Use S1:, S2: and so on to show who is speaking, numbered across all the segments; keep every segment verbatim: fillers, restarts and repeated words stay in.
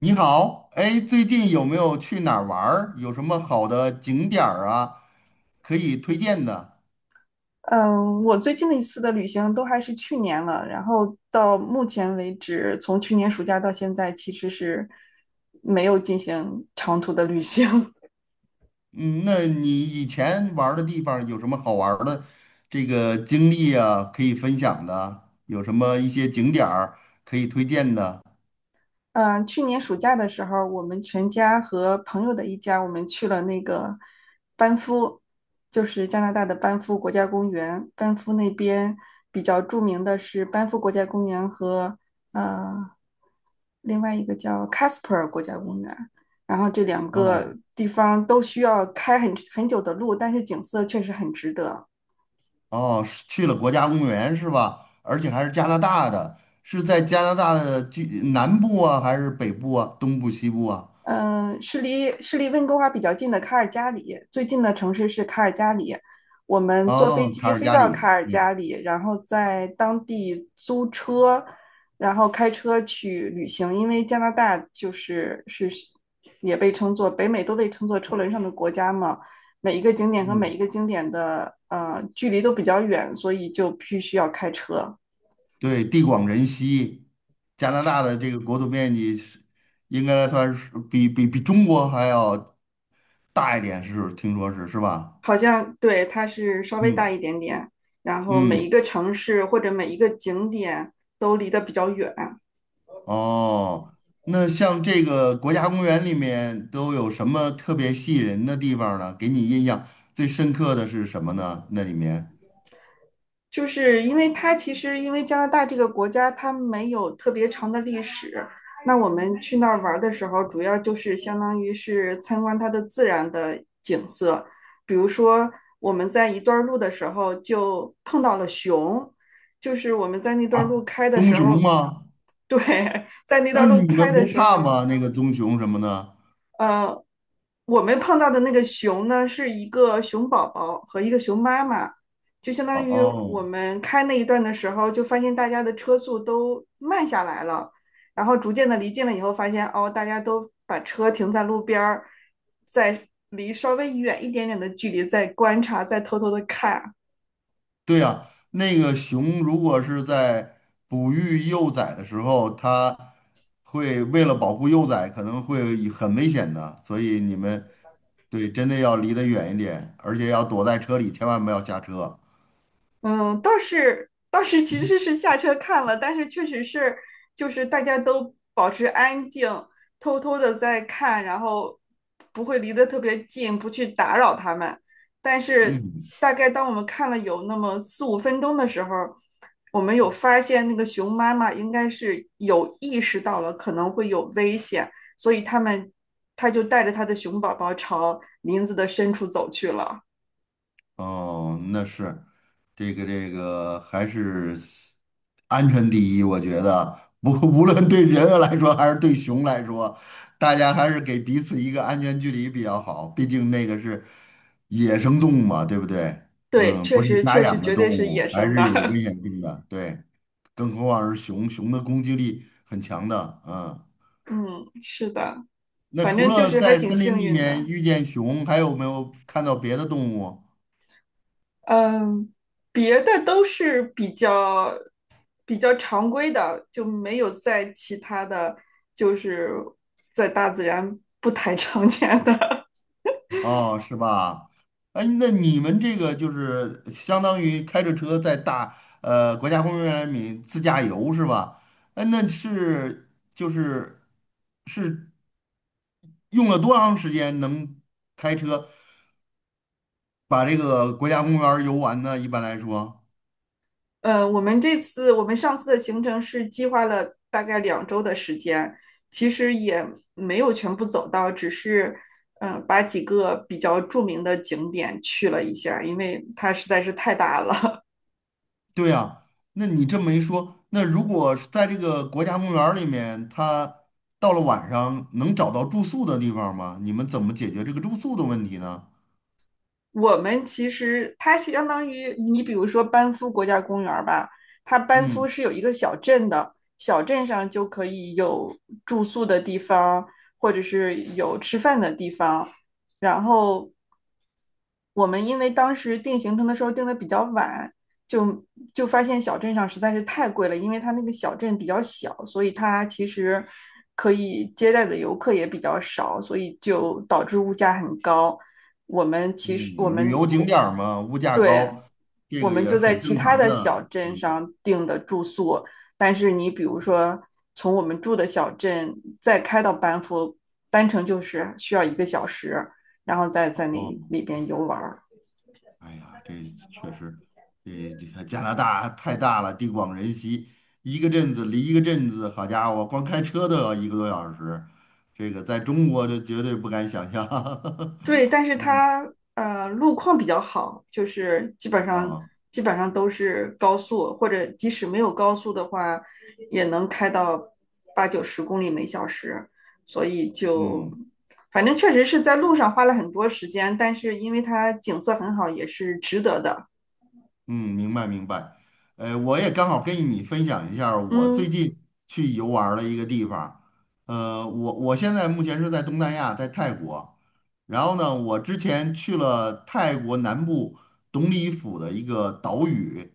S1: 你好，哎，最近有没有去哪儿玩儿？有什么好的景点儿啊，可以推荐的？
S2: 嗯，我最近的一次的旅行都还是去年了，然后到目前为止，从去年暑假到现在，其实是没有进行长途的旅行。
S1: 嗯，那你以前玩儿的地方有什么好玩儿的这个经历啊，可以分享的？有什么一些景点儿可以推荐的？
S2: 嗯，去年暑假的时候，我们全家和朋友的一家，我们去了那个班夫，就是加拿大的班夫国家公园。班夫那边比较著名的是班夫国家公园和呃另外一个叫 Casper 国家公园。然后这两
S1: 哦
S2: 个地方都需要开很很久的路，但是景色确实很值得。
S1: 哦，是去了国家公园是吧？而且还是加拿大的，是在加拿大的居南部啊，还是北部啊，东部、西部啊？
S2: 嗯、呃是离是离温哥华比较近的卡尔加里，最近的城市是卡尔加里。我们坐飞
S1: 哦，卡
S2: 机
S1: 尔
S2: 飞
S1: 加
S2: 到卡
S1: 里。
S2: 尔
S1: 嗯
S2: 加里，然后在当地租车，然后开车去旅行。因为加拿大就是是也被称作北美都被称作车轮上的国家嘛，每一个景点和每
S1: 嗯，
S2: 一个景点的呃距离都比较远，所以就必须要开车。
S1: 对，地广人稀，加拿大的这个国土面积是应该算是比比比中国还要大一点，是听说是是吧？
S2: 好像对，它是稍微大
S1: 嗯
S2: 一点点，然后每一
S1: 嗯。
S2: 个城市或者每一个景点都离得比较远，
S1: 哦，那像这个国家公园里面都有什么特别吸引人的地方呢？给你印象最深刻的是什么呢？那里面
S2: 就是因为它其实因为加拿大这个国家它没有特别长的历史，那我们去那儿玩的时候，主要就是相当于是参观它的自然的景色，比如说我们在一段路的时候就碰到了熊，就是我们在那段
S1: 啊，
S2: 路开的
S1: 棕
S2: 时
S1: 熊
S2: 候，
S1: 吗？
S2: 对，在那
S1: 那
S2: 段路
S1: 你
S2: 开
S1: 们
S2: 的
S1: 不
S2: 时
S1: 怕
S2: 候。
S1: 吗？那个棕熊什么的？
S2: 呃，我们碰到的那个熊呢，是一个熊宝宝和一个熊妈妈，就相
S1: 哦
S2: 当于我
S1: 哦。
S2: 们开那一段的时候，就发现大家的车速都慢下来了，然后逐渐的离近了以后，发现哦，大家都把车停在路边儿，在离稍微远一点点的距离在观察，在偷偷的看。
S1: 对呀，那个熊如果是在哺育幼崽的时候，它会为了保护幼崽，可能会以很危险的，所以你们，对，真的要离得远一点，而且要躲在车里，千万不要下车。
S2: 嗯，倒是倒是其实是下车看了，但是确实是就是大家都保持安静，偷偷的在看，然后不会离得特别近，不去打扰他们。但是
S1: 嗯。
S2: 大概当我们看了有那么四五分钟的时候，我们有发现那个熊妈妈应该是有意识到了可能会有危险，所以他们他就带着他的熊宝宝朝林子的深处走去了。
S1: 哦，那是这个这个还是安全第一，我觉得不 无论对人来说还是对熊来说，大家还是给彼此一个安全距离比较好。毕竟那个是野生动物嘛，对不对？
S2: 对，
S1: 嗯，
S2: 确
S1: 不是
S2: 实
S1: 家
S2: 确实
S1: 养的
S2: 绝
S1: 动
S2: 对是
S1: 物，
S2: 野
S1: 还
S2: 生的。
S1: 是有危 险性的。对，更何况是熊，熊的攻击力很强的。嗯，
S2: 嗯，是的，
S1: 那
S2: 反
S1: 除
S2: 正就
S1: 了
S2: 是还
S1: 在
S2: 挺
S1: 森林
S2: 幸
S1: 里
S2: 运
S1: 面
S2: 的。
S1: 遇见熊，还有没有看到别的动物？
S2: 嗯，别的都是比较比较常规的，就没有在其他的，就是在大自然不太常见的。
S1: 哦，是吧？哎，那你们这个就是相当于开着车在大呃国家公园里自驾游是吧？哎，那是就是是用了多长时间能开车把这个国家公园儿游完呢？一般来说，
S2: 呃，我们这次我们上次的行程是计划了大概两周的时间，其实也没有全部走到，只是嗯、呃把几个比较著名的景点去了一下，因为它实在是太大了。
S1: 对呀。那你这么一说，那如果是在这个国家公园儿里面，他到了晚上能找到住宿的地方吗？你们怎么解决这个住宿的问题呢？
S2: 我们其实它相当于你比如说班夫国家公园吧，它班夫
S1: 嗯。
S2: 是有一个小镇的，小镇上就可以有住宿的地方，或者是有吃饭的地方。然后我们因为当时定行程的时候定的比较晚，就就发现小镇上实在是太贵了，因为它那个小镇比较小，所以它其实可以接待的游客也比较少，所以就导致物价很高。我们其实我
S1: 嗯，旅
S2: 们
S1: 游景
S2: 我
S1: 点儿嘛，物价
S2: 对，
S1: 高，这
S2: 我
S1: 个也
S2: 们
S1: 是
S2: 就在
S1: 很
S2: 其
S1: 正
S2: 他
S1: 常
S2: 的
S1: 的。
S2: 小镇
S1: 嗯。
S2: 上订的住宿，但是你比如说从我们住的小镇再开到班夫，单程就是需要一个小时，然后再
S1: 哦。
S2: 在那里边游玩儿。
S1: 哎呀，这确实，这这个加拿大太大了，地广人稀，一个镇子离一个镇子，好家伙，光开车都要一个多小时，这个在中国就绝对不敢想象。
S2: 对，但 是它呃路况比较好，就是基本上
S1: 啊。
S2: 基本上都是高速，或者即使没有高速的话，也能开到八九十公里每小时，所以就
S1: 嗯。
S2: 反正确实是在路上花了很多时间，但是因为它景色很好，也是值得的。
S1: 嗯，明白明白。呃，我也刚好跟你分享一下儿我最
S2: 嗯，
S1: 近去游玩儿的一个地方。呃，我我现在目前是在东南亚，在泰国。然后呢，我之前去了泰国南部董里府的一个岛屿，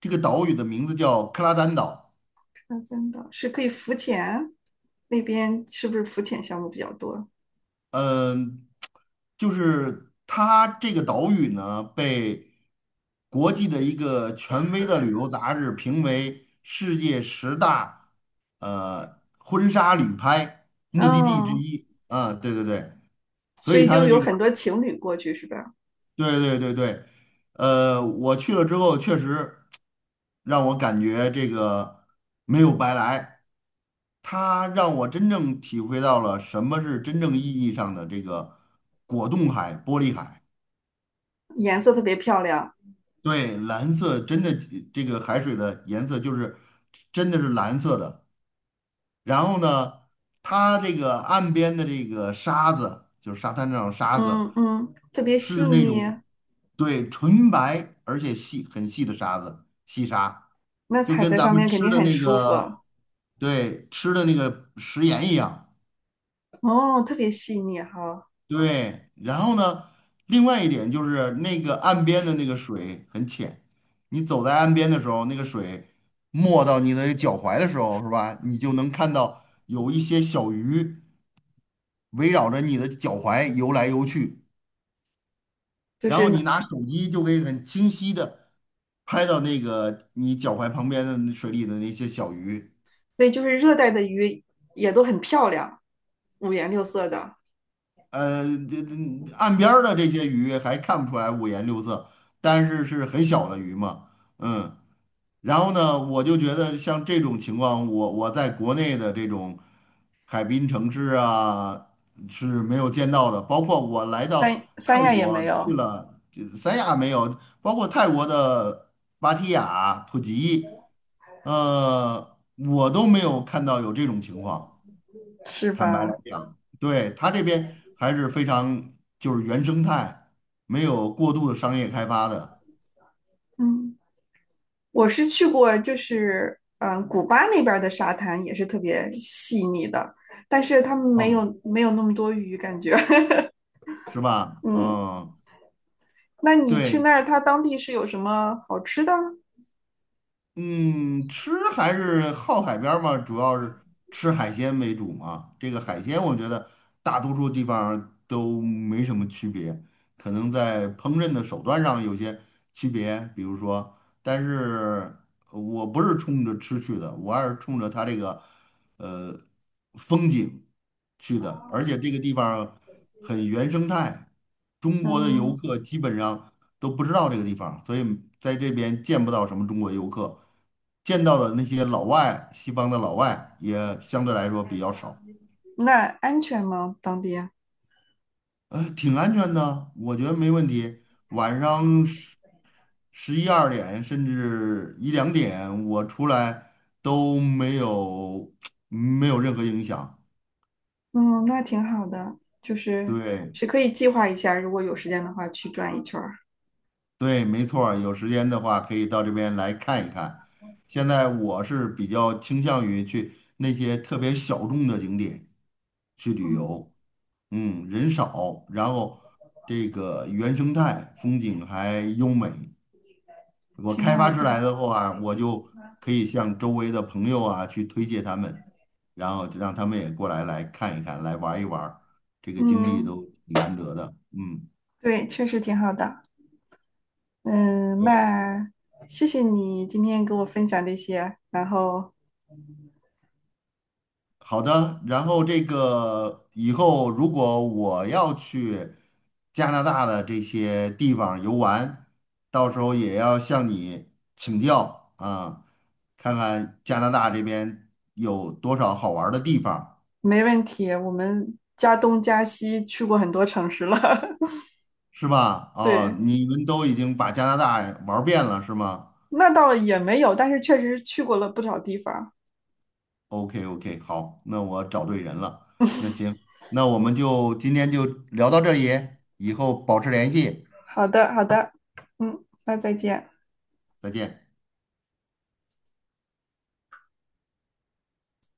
S1: 这个岛屿的名字叫克拉丹岛。
S2: 那真的是可以浮潜，那边是不是浮潜项目比较多？
S1: 嗯，就是它这个岛屿呢，被国际的一个权威的旅游杂志评为世界十大呃婚纱旅拍目的地之
S2: 嗯，
S1: 一。啊，对对对，所
S2: 所
S1: 以
S2: 以
S1: 它
S2: 就
S1: 的这
S2: 有
S1: 个，
S2: 很多情侣过去是吧？
S1: 对对对对，呃，我去了之后确实让我感觉这个没有白来。它让我真正体会到了什么是真正意义上的这个果冻海、玻璃海。
S2: 颜色特别漂亮，
S1: 对，蓝色真的，这个海水的颜色就是真的是蓝色的。然后呢，它这个岸边的这个沙子，就是沙滩上的沙子，
S2: 嗯嗯，特别细
S1: 是那
S2: 腻，
S1: 种，对，纯白而且细很细的沙子，细沙，
S2: 那
S1: 就
S2: 踩
S1: 跟
S2: 在
S1: 咱
S2: 上
S1: 们
S2: 面肯
S1: 吃
S2: 定
S1: 的
S2: 很
S1: 那
S2: 舒服。
S1: 个，对，吃的那个食盐一样。
S2: 哦，特别细腻哈，
S1: 对，然后呢，另外一点就是那个岸边的那个水很浅，你走在岸边的时候，那个水没到你的脚踝的时候，是吧？你就能看到有一些小鱼围绕着你的脚踝游来游去，
S2: 就
S1: 然
S2: 是
S1: 后你
S2: 呢，
S1: 拿手机就可以很清晰的拍到那个你脚踝旁边的水里的那些小鱼。
S2: 对，就是热带的鱼也都很漂亮，五颜六色的。
S1: 呃，这这岸边儿的这些鱼还看不出来五颜六色，但是是很小的鱼嘛，嗯。然后呢，我就觉得像这种情况，我我在国内的这种海滨城市啊是没有见到的。包括我来到
S2: 三三
S1: 泰
S2: 亚也
S1: 国，
S2: 没
S1: 去
S2: 有，
S1: 了，这三亚没有，包括泰国的芭提雅、普吉，呃，我都没有看到有这种情况。
S2: 是
S1: 坦白来
S2: 吧？
S1: 讲，对，它这边还是非常就是原生态，没有过度的商业开发的，
S2: 嗯，我是去过，就是嗯，古巴那边儿的沙滩也是特别细腻的，但是他们没
S1: 嗯，
S2: 有没有那么多鱼，感觉。
S1: 是吧？
S2: 嗯，
S1: 嗯，
S2: 那你去
S1: 对，
S2: 那儿，它当地是有什么好吃的？
S1: 嗯，吃还是靠海边儿嘛，主要是吃海鲜为主嘛。这个海鲜，我觉得大多数地方都没什么区别，可能在烹饪的手段上有些区别，比如说，但是呃我不是冲着吃去的，我还是冲着它这个呃风景去的，而且这个地方很原生态，中国的游
S2: 嗯，
S1: 客基本上都不知道这个地方，所以在这边见不到什么中国游客，见到的那些老外，西方的老外也相对来说比较少，
S2: 那安全吗？当地？
S1: 呃，挺安全的，我觉得没问题。晚上十十一二点甚至一两点，我出来都没有 没有任何影响。
S2: 嗯，那挺好的，就是
S1: 对。
S2: 是可以计划一下，如果有时间的话去转一圈儿。
S1: 对，没错儿，有时间的话可以到这边来看一看。现在我是比较倾向于去那些特别小众的景点去旅
S2: 嗯，
S1: 游，嗯，人少，然后这个原生态风景还优美。我
S2: 挺
S1: 开
S2: 好
S1: 发出来
S2: 的。
S1: 的话，我就可以向周围的朋友啊去推荐他们，然后就让他们也过来来看一看，来玩一玩儿，这个经历
S2: 嗯，
S1: 都挺难得的，嗯。
S2: 对，确实挺好的。嗯，那谢谢你今天给我分享这些，然后
S1: 好的，然后这个以后如果我要去加拿大的这些地方游玩，到时候也要向你请教啊，看看加拿大这边有多少好玩儿的地方，
S2: 没问题，我们加东加西去过很多城市了。
S1: 是吧？哦，
S2: 对，
S1: 你们都已经把加拿大玩儿遍了，是吗
S2: 那倒也没有，但是确实去过了不少地方。
S1: ？OK OK,好，那我找对人了。那行，那我们就今天就聊到这里，以后保持联系，
S2: 好的，好的，嗯，那再见。
S1: 再见。